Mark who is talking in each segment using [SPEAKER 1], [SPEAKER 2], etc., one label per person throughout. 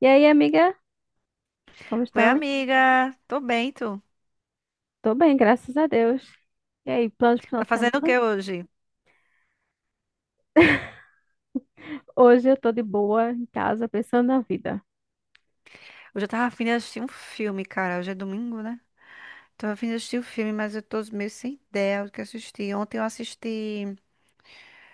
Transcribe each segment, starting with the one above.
[SPEAKER 1] E aí, amiga? Como
[SPEAKER 2] Oi,
[SPEAKER 1] estão?
[SPEAKER 2] amiga. Tô bem, tu?
[SPEAKER 1] Tô bem, graças a Deus. E aí, planos pro final
[SPEAKER 2] Tá
[SPEAKER 1] de
[SPEAKER 2] fazendo o que
[SPEAKER 1] semana?
[SPEAKER 2] hoje?
[SPEAKER 1] Hoje eu tô de boa em casa, pensando na vida.
[SPEAKER 2] Hoje eu tava afim de assistir um filme, cara. Hoje é domingo, né? Tava afim de assistir um filme, mas eu tô meio sem ideia do que assistir. Ontem eu assisti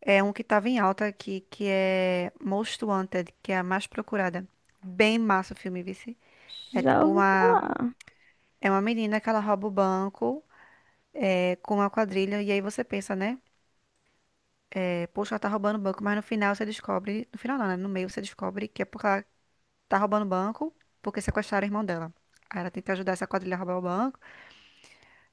[SPEAKER 2] um que tava em alta aqui, que é Most Wanted, que é a mais procurada. Bem massa o filme, vice. É
[SPEAKER 1] Já
[SPEAKER 2] tipo
[SPEAKER 1] ouvi
[SPEAKER 2] uma...
[SPEAKER 1] falar.
[SPEAKER 2] É uma menina que ela rouba o banco, com uma quadrilha. E aí você pensa, né? É, poxa, ela tá roubando o banco. Mas no final você descobre... No final não, né? No meio você descobre que é porque ela tá roubando o banco porque sequestraram a irmã dela. Aí ela tenta ajudar essa quadrilha a roubar o banco,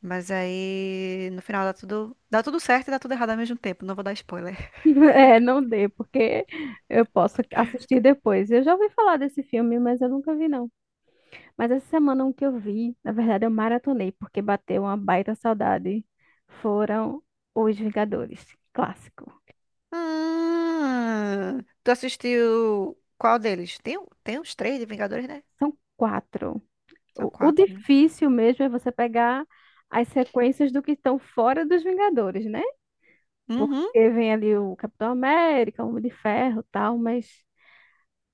[SPEAKER 2] mas aí no final dá tudo certo e dá tudo errado ao mesmo tempo. Não vou dar spoiler.
[SPEAKER 1] É, não dê, porque eu posso assistir depois. Eu já ouvi falar desse filme, mas eu nunca vi, não. Mas essa semana um que eu vi, na verdade eu maratonei, porque bateu uma baita saudade. Foram Os Vingadores, clássico.
[SPEAKER 2] Ah, tu assistiu qual deles? Tem, tem uns três de Vingadores, né?
[SPEAKER 1] São quatro.
[SPEAKER 2] São
[SPEAKER 1] O
[SPEAKER 2] quatro, né?
[SPEAKER 1] difícil mesmo é você pegar as sequências do que estão fora dos Vingadores, né? Porque
[SPEAKER 2] Uhum.
[SPEAKER 1] vem ali o Capitão América, o Homem de Ferro, tal, mas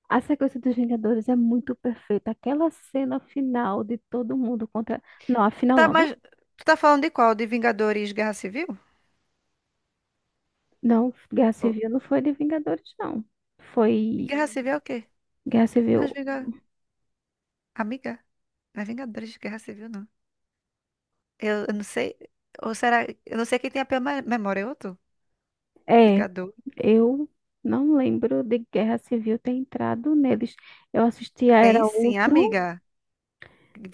[SPEAKER 1] a sequência dos Vingadores é muito perfeita. Aquela cena final de todo mundo contra. Não, a final
[SPEAKER 2] Tá,
[SPEAKER 1] não, né?
[SPEAKER 2] mas tu tá falando de qual? De Vingadores Guerra Civil?
[SPEAKER 1] Não, Guerra
[SPEAKER 2] Ou-
[SPEAKER 1] Civil não foi de Vingadores, não. Foi
[SPEAKER 2] Guerra Civil é o quê?
[SPEAKER 1] Guerra Civil.
[SPEAKER 2] Nós Vinga... Amiga, não é Vingadores de Guerra Civil, não. Eu não sei. Ou será. Eu não sei quem tem a pior memória, eu ou tu?
[SPEAKER 1] É,
[SPEAKER 2] Vingadores.
[SPEAKER 1] eu não lembro de Guerra Civil ter entrado neles. Eu assisti a
[SPEAKER 2] Tem
[SPEAKER 1] Era
[SPEAKER 2] sim,
[SPEAKER 1] Ultron,
[SPEAKER 2] amiga.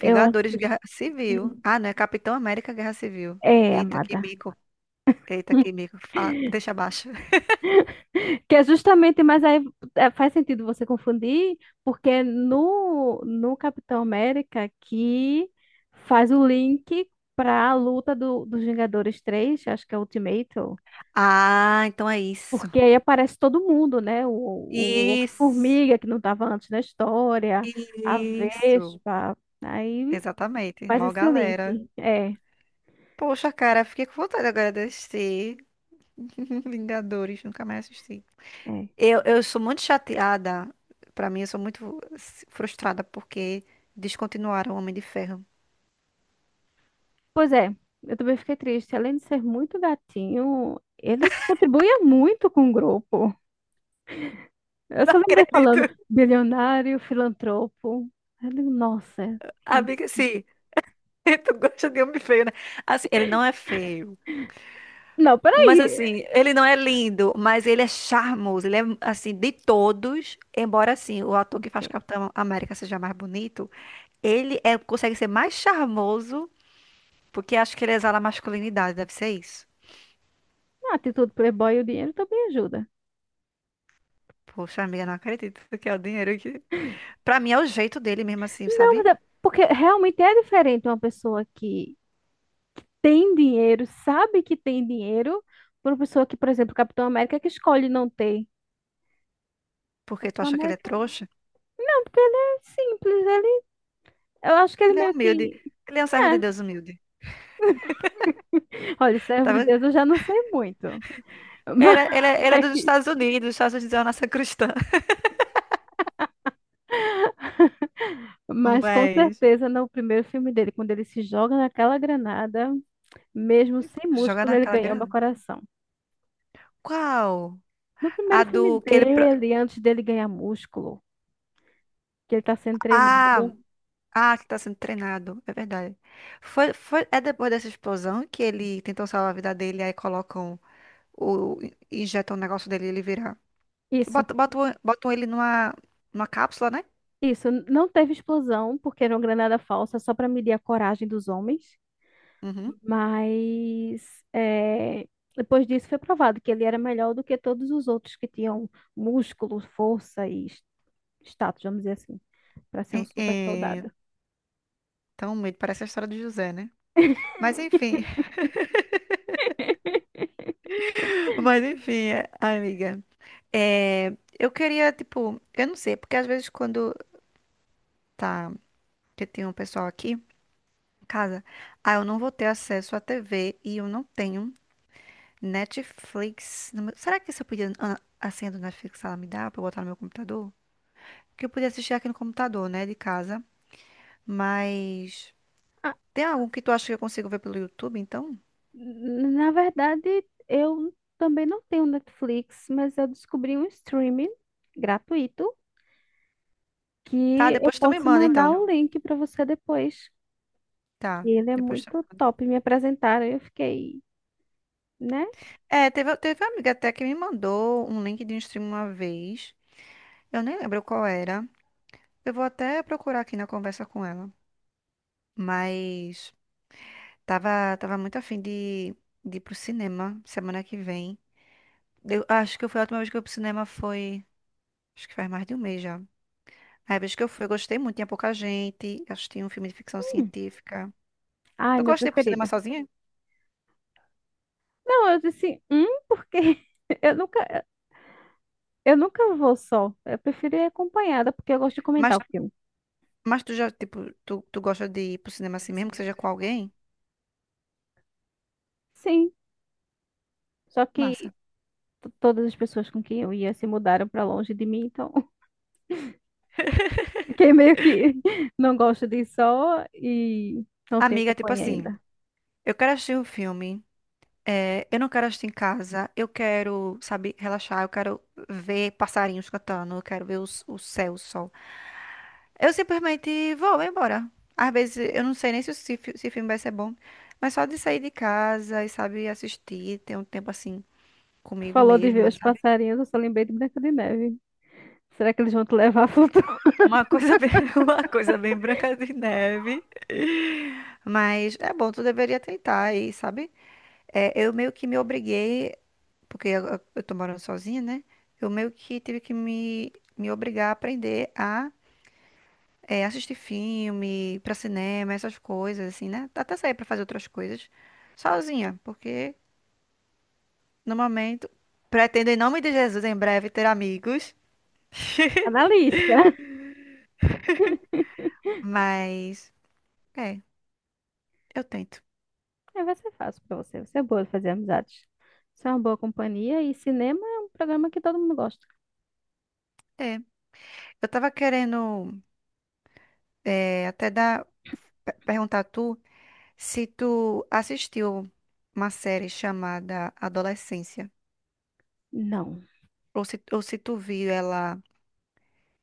[SPEAKER 1] eu assisti.
[SPEAKER 2] Guerra Civil. Ah, não, é Capitão América Guerra Civil.
[SPEAKER 1] É,
[SPEAKER 2] Eita, que
[SPEAKER 1] amada.
[SPEAKER 2] mico. Eita, que mico. Fala- deixa abaixo.
[SPEAKER 1] Que é justamente, mas aí é, faz sentido você confundir, porque é no Capitão América que faz o link para a luta do, dos Vingadores 3 acho que é Ultimato,
[SPEAKER 2] Ah, então é isso.
[SPEAKER 1] porque aí aparece todo mundo, né? O
[SPEAKER 2] Isso.
[SPEAKER 1] Homem-Formiga, que não estava antes na história, a
[SPEAKER 2] Isso.
[SPEAKER 1] Vespa, aí
[SPEAKER 2] Exatamente.
[SPEAKER 1] faz
[SPEAKER 2] Mó
[SPEAKER 1] esse
[SPEAKER 2] galera.
[SPEAKER 1] link. É,
[SPEAKER 2] Poxa, cara, fiquei com vontade agora de assistir. Vingadores, nunca mais assisti.
[SPEAKER 1] é.
[SPEAKER 2] Eu sou muito chateada. Pra mim, eu sou muito frustrada porque descontinuaram o Homem de Ferro.
[SPEAKER 1] Pois é, eu também fiquei triste. Além de ser muito gatinho, ele contribuía muito com o grupo. Eu
[SPEAKER 2] Não
[SPEAKER 1] só lembrei
[SPEAKER 2] acredito.
[SPEAKER 1] falando bilionário, filantropo. Eu digo, nossa. que-
[SPEAKER 2] Amiga, sim. Tu gosta de homem feio, né? Assim, ele não é feio,
[SPEAKER 1] Não,
[SPEAKER 2] mas
[SPEAKER 1] peraí.
[SPEAKER 2] assim, ele não é lindo, mas ele é charmoso. Ele é, assim, de todos, embora assim, o ator que faz
[SPEAKER 1] Ok.
[SPEAKER 2] Capitão América seja mais bonito, ele é, consegue ser mais charmoso, porque acho que ele exala masculinidade, deve ser isso.
[SPEAKER 1] A atitude playboy e o dinheiro também ajuda.
[SPEAKER 2] Poxa, amiga, não acredito que é o dinheiro que... Pra mim é o jeito dele mesmo assim,
[SPEAKER 1] Não, mas
[SPEAKER 2] sabe?
[SPEAKER 1] é porque realmente é diferente uma pessoa que tem dinheiro, sabe que tem dinheiro, por uma pessoa que, por exemplo, Capitão América, que escolhe não ter.
[SPEAKER 2] Porque tu
[SPEAKER 1] Capitão
[SPEAKER 2] acha que ele é
[SPEAKER 1] América,
[SPEAKER 2] trouxa?
[SPEAKER 1] não, porque ele é simples. Ele, eu acho que ele
[SPEAKER 2] Ele é
[SPEAKER 1] meio
[SPEAKER 2] humilde.
[SPEAKER 1] que.
[SPEAKER 2] Ele é um servo de
[SPEAKER 1] É.
[SPEAKER 2] Deus humilde.
[SPEAKER 1] Olha, servo
[SPEAKER 2] Tá
[SPEAKER 1] de
[SPEAKER 2] vendo?
[SPEAKER 1] Deus, eu já não sei muito.
[SPEAKER 2] Ele, ele, ele é
[SPEAKER 1] Mas.
[SPEAKER 2] dos Estados Unidos, os Estados Unidos é uma nação cristã.
[SPEAKER 1] Mas com
[SPEAKER 2] Mas
[SPEAKER 1] certeza no primeiro filme dele, quando ele se joga naquela granada, mesmo sem
[SPEAKER 2] jogar
[SPEAKER 1] músculo, ele
[SPEAKER 2] naquela
[SPEAKER 1] ganhou meu
[SPEAKER 2] grana?
[SPEAKER 1] coração.
[SPEAKER 2] Qual?
[SPEAKER 1] No primeiro
[SPEAKER 2] A
[SPEAKER 1] filme
[SPEAKER 2] do que ele. Pro-
[SPEAKER 1] dele, antes dele ganhar músculo, que ele está sendo
[SPEAKER 2] Ah,
[SPEAKER 1] treinado.
[SPEAKER 2] ah, que tá sendo treinado. É verdade. É depois dessa explosão que ele tentou salvar a vida dele, aí colocam o. Injetam o negócio dele e ele vira.
[SPEAKER 1] Isso,
[SPEAKER 2] Botam, botam, botam ele numa, numa cápsula, né?
[SPEAKER 1] isso. Não teve explosão, porque era uma granada falsa, só para medir a coragem dos homens.
[SPEAKER 2] Uhum.
[SPEAKER 1] Mas é, depois disso foi provado que ele era melhor do que todos os outros que tinham músculo, força e status, vamos dizer assim, para ser
[SPEAKER 2] É,
[SPEAKER 1] um super
[SPEAKER 2] é...
[SPEAKER 1] soldado.
[SPEAKER 2] Então, meio parece a história do José, né? Mas enfim. Mas enfim, amiga. É, eu queria, tipo, eu não sei, porque às vezes quando tá. Que tem um pessoal aqui. Casa, ah, eu não vou ter acesso à TV e eu não tenho Netflix. No meu- Será que se eu pedir a senha do Netflix, ela me dá pra eu botar no meu computador? Que eu podia assistir aqui no computador, né, de casa. Mas tem algum que tu acha que eu consigo ver pelo YouTube, então?
[SPEAKER 1] Na verdade, eu também não tenho Netflix, mas eu descobri um streaming gratuito
[SPEAKER 2] Tá,
[SPEAKER 1] que eu
[SPEAKER 2] depois tu me
[SPEAKER 1] posso
[SPEAKER 2] manda,
[SPEAKER 1] mandar
[SPEAKER 2] então.
[SPEAKER 1] o link para você depois. Que
[SPEAKER 2] Tá,
[SPEAKER 1] Ele é
[SPEAKER 2] depois tu...
[SPEAKER 1] muito top. Me apresentaram e eu fiquei, né?
[SPEAKER 2] É, teve uma amiga até que me mandou um link de um stream uma vez. Eu nem lembro qual era. Eu vou até procurar aqui na conversa com ela. Mas... Tava muito afim de ir pro cinema semana que vem. Eu acho que foi a última vez que eu fui pro cinema foi. Acho que faz mais de um mês já. A vez que eu fui, eu gostei muito, tinha pouca gente. Eu assisti um filme de ficção
[SPEAKER 1] Hum,
[SPEAKER 2] científica.
[SPEAKER 1] ai,
[SPEAKER 2] Tu
[SPEAKER 1] meu
[SPEAKER 2] gosta de ir pro cinema
[SPEAKER 1] preferido.
[SPEAKER 2] sozinha?
[SPEAKER 1] Não, eu disse, porque eu nunca, eu nunca vou só. Eu prefiro ir acompanhada, porque eu gosto de comentar
[SPEAKER 2] Mas,
[SPEAKER 1] o filme.
[SPEAKER 2] mas tu já, tipo, tu gosta de ir pro cinema assim mesmo,
[SPEAKER 1] Assim
[SPEAKER 2] que seja com alguém?
[SPEAKER 1] Sim, só que
[SPEAKER 2] Massa.
[SPEAKER 1] todas as pessoas com quem eu ia se mudaram para longe de mim, então fiquei meio que não gosto de sol e não tenho
[SPEAKER 2] Amiga, tipo
[SPEAKER 1] companhia
[SPEAKER 2] assim,
[SPEAKER 1] ainda.
[SPEAKER 2] eu quero assistir um filme. Eu não quero assistir em casa, eu quero, sabe, relaxar, eu quero ver passarinhos cantando, eu quero ver o céu, o sol. Eu simplesmente vou embora. Às vezes eu não sei nem se o se filme vai ser bom, mas só de sair de casa e, sabe, assistir, ter um tempo assim
[SPEAKER 1] Tu
[SPEAKER 2] comigo
[SPEAKER 1] falou de ver
[SPEAKER 2] mesma,
[SPEAKER 1] os
[SPEAKER 2] sabe?
[SPEAKER 1] passarinhos, eu só lembrei de Branca de Neve. Será que eles vão te levar a futuro?
[SPEAKER 2] Uma coisa bem, uma coisa bem Branca de Neve. Mas é bom, tu deveria tentar aí, sabe? É, eu meio que me obriguei, porque eu tô morando sozinha, né? Eu meio que tive que me obrigar a aprender assistir filme, ir pra cinema, essas coisas, assim, né? Até sair pra fazer outras coisas sozinha, porque no momento pretendo, em nome de Jesus, em breve ter amigos,
[SPEAKER 1] Tá na lista.
[SPEAKER 2] mas é, eu tento.
[SPEAKER 1] É, vai ser fácil pra você. Você é boa de fazer amizades. Você é uma boa companhia e cinema é um programa que todo mundo gosta.
[SPEAKER 2] É. Eu tava querendo até dar, perguntar a tu se tu assistiu uma série chamada Adolescência,
[SPEAKER 1] Não.
[SPEAKER 2] ou se tu viu ela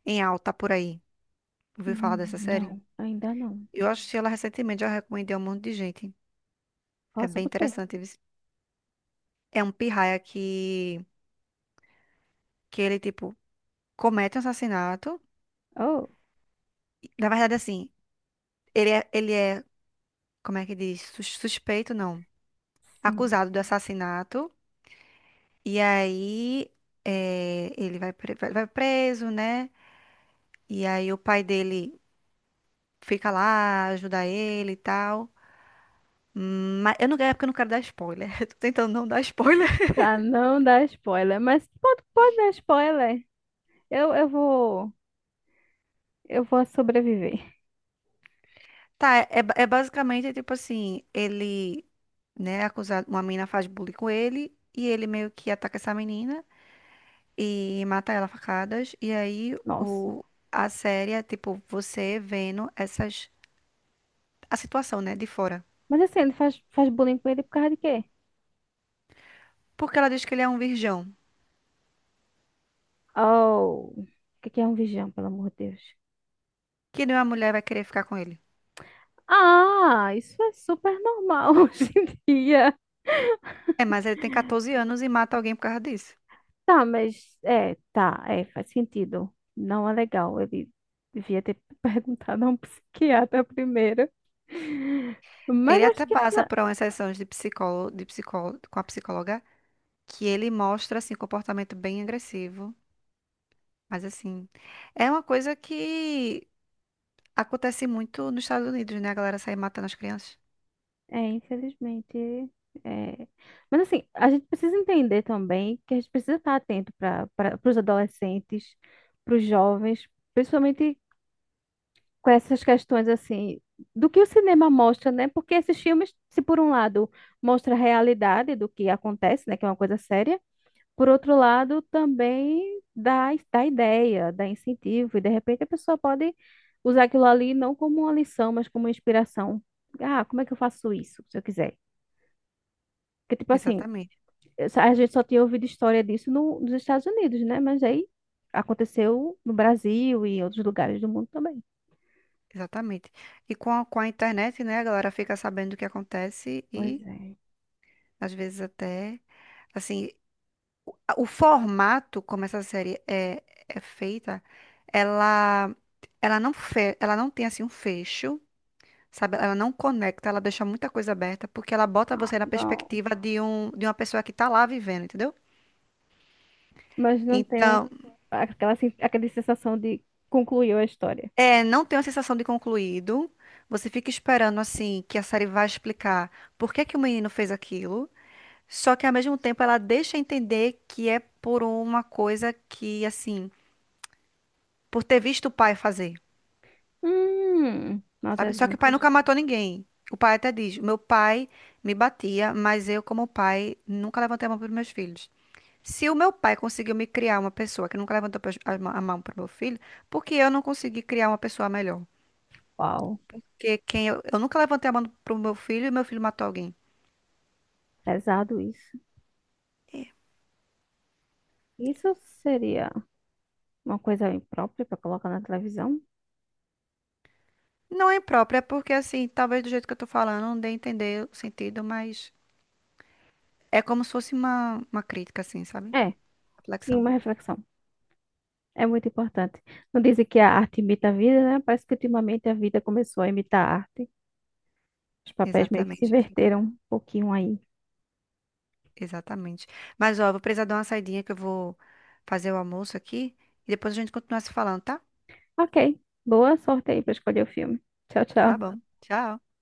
[SPEAKER 2] em alta por aí. Ouviu falar
[SPEAKER 1] Hum,
[SPEAKER 2] dessa série?
[SPEAKER 1] não, ainda não.
[SPEAKER 2] Eu assisti ela recentemente, já recomendei a um monte de gente. É
[SPEAKER 1] Fala
[SPEAKER 2] bem
[SPEAKER 1] sobre o quê?
[SPEAKER 2] interessante. Isso. É um pirraia que ele, tipo, comete um assassinato.
[SPEAKER 1] Oh,
[SPEAKER 2] Na verdade, assim, ele é, como é que diz? Suspeito, não.
[SPEAKER 1] sim.
[SPEAKER 2] Acusado do assassinato. E aí, ele vai, vai preso, né? E aí o pai dele fica lá, ajuda ele e tal. Mas eu não, é porque eu não quero dar spoiler. Eu tô tentando não dar spoiler.
[SPEAKER 1] Pra não dar spoiler, mas pode, pode dar spoiler. Eu, eu vou, eu vou sobreviver.
[SPEAKER 2] Tá, é basicamente tipo assim, ele, né, é acusado, uma menina faz bullying com ele e ele meio que ataca essa menina e mata ela a facadas. E aí
[SPEAKER 1] Nossa.
[SPEAKER 2] o, a série é tipo você vendo essas, a situação, né, de fora.
[SPEAKER 1] Mas assim, ele faz bullying com ele por causa de quê?
[SPEAKER 2] Porque ela diz que ele é um virgão,
[SPEAKER 1] Oh, o que que é um vigião, pelo amor de Deus?
[SPEAKER 2] que nenhuma mulher vai querer ficar com ele.
[SPEAKER 1] Ah, isso é super normal hoje em dia.
[SPEAKER 2] É, mas ele tem 14 anos e mata alguém por causa disso.
[SPEAKER 1] Tá, mas é, tá, é, faz sentido. Não é legal. Ele devia ter perguntado a um psiquiatra primeiro. Mas
[SPEAKER 2] Ele
[SPEAKER 1] eu
[SPEAKER 2] até
[SPEAKER 1] acho que isso
[SPEAKER 2] passa por uma sessão de psicólogo, com a psicóloga, que ele mostra assim comportamento bem agressivo. Mas assim, é uma coisa que acontece muito nos Estados Unidos, né? A galera sai matando as crianças.
[SPEAKER 1] é, infelizmente, é. Mas assim, a gente precisa entender também que a gente precisa estar atento para os adolescentes, para os jovens, principalmente com essas questões assim do que o cinema mostra, né? Porque esses filmes, se por um lado mostra a realidade do que acontece, né, que é uma coisa séria, por outro lado também dá, dá ideia, dá incentivo e de repente a pessoa pode usar aquilo ali não como uma lição, mas como uma inspiração. Ah, como é que eu faço isso, se eu quiser? Porque tipo assim,
[SPEAKER 2] Exatamente,
[SPEAKER 1] a gente só tinha ouvido história disso no, nos Estados Unidos, né? Mas aí aconteceu no Brasil e em outros lugares do mundo também.
[SPEAKER 2] exatamente. E com a internet, né? A galera fica sabendo o que acontece
[SPEAKER 1] Pois
[SPEAKER 2] e
[SPEAKER 1] é.
[SPEAKER 2] às vezes até, assim, o formato como essa série é feita, ela, ela não tem assim um fecho, sabe? Ela não conecta, ela deixa muita coisa aberta porque ela bota
[SPEAKER 1] Ah,
[SPEAKER 2] você na
[SPEAKER 1] não.
[SPEAKER 2] perspectiva de um, de uma pessoa que tá lá vivendo, entendeu?
[SPEAKER 1] Mas não tenho
[SPEAKER 2] Então,
[SPEAKER 1] aquela sensação de concluiu a história.
[SPEAKER 2] é, não tem a sensação de concluído. Você fica esperando assim que a série vai explicar por que que o menino fez aquilo. Só que ao mesmo tempo ela deixa entender que é por uma coisa que assim, por ter visto o pai fazer,
[SPEAKER 1] Maus
[SPEAKER 2] sabe? Só que o pai
[SPEAKER 1] exemplos.
[SPEAKER 2] nunca matou ninguém. O pai até diz: "Meu pai me batia, mas eu como pai nunca levantei a mão para meus filhos." Se o meu pai conseguiu me criar uma pessoa que nunca levantou a mão para o meu filho, por que eu não consegui criar uma pessoa melhor?
[SPEAKER 1] Uau,
[SPEAKER 2] Que quem eu nunca levantei a mão pro meu filho e meu filho matou alguém.
[SPEAKER 1] pesado isso. Isso seria uma coisa imprópria para colocar na televisão?
[SPEAKER 2] Não é impróprio, é porque assim, talvez do jeito que eu tô falando, não dê a entender o sentido, mas é como se fosse uma crítica, assim, sabe?
[SPEAKER 1] É, sim,
[SPEAKER 2] Reflexão.
[SPEAKER 1] uma reflexão. É muito importante. Não dizem que a arte imita a vida, né? Parece que ultimamente a vida começou a imitar a arte. Os papéis meio que se
[SPEAKER 2] Exatamente, amiga.
[SPEAKER 1] inverteram um pouquinho aí.
[SPEAKER 2] Exatamente. Mas ó, vou precisar dar uma saidinha que eu vou fazer o almoço aqui e depois a gente continua se falando, tá?
[SPEAKER 1] Ok, boa sorte aí para escolher o filme. Tchau,
[SPEAKER 2] Tá
[SPEAKER 1] tchau.
[SPEAKER 2] bom. Tchau.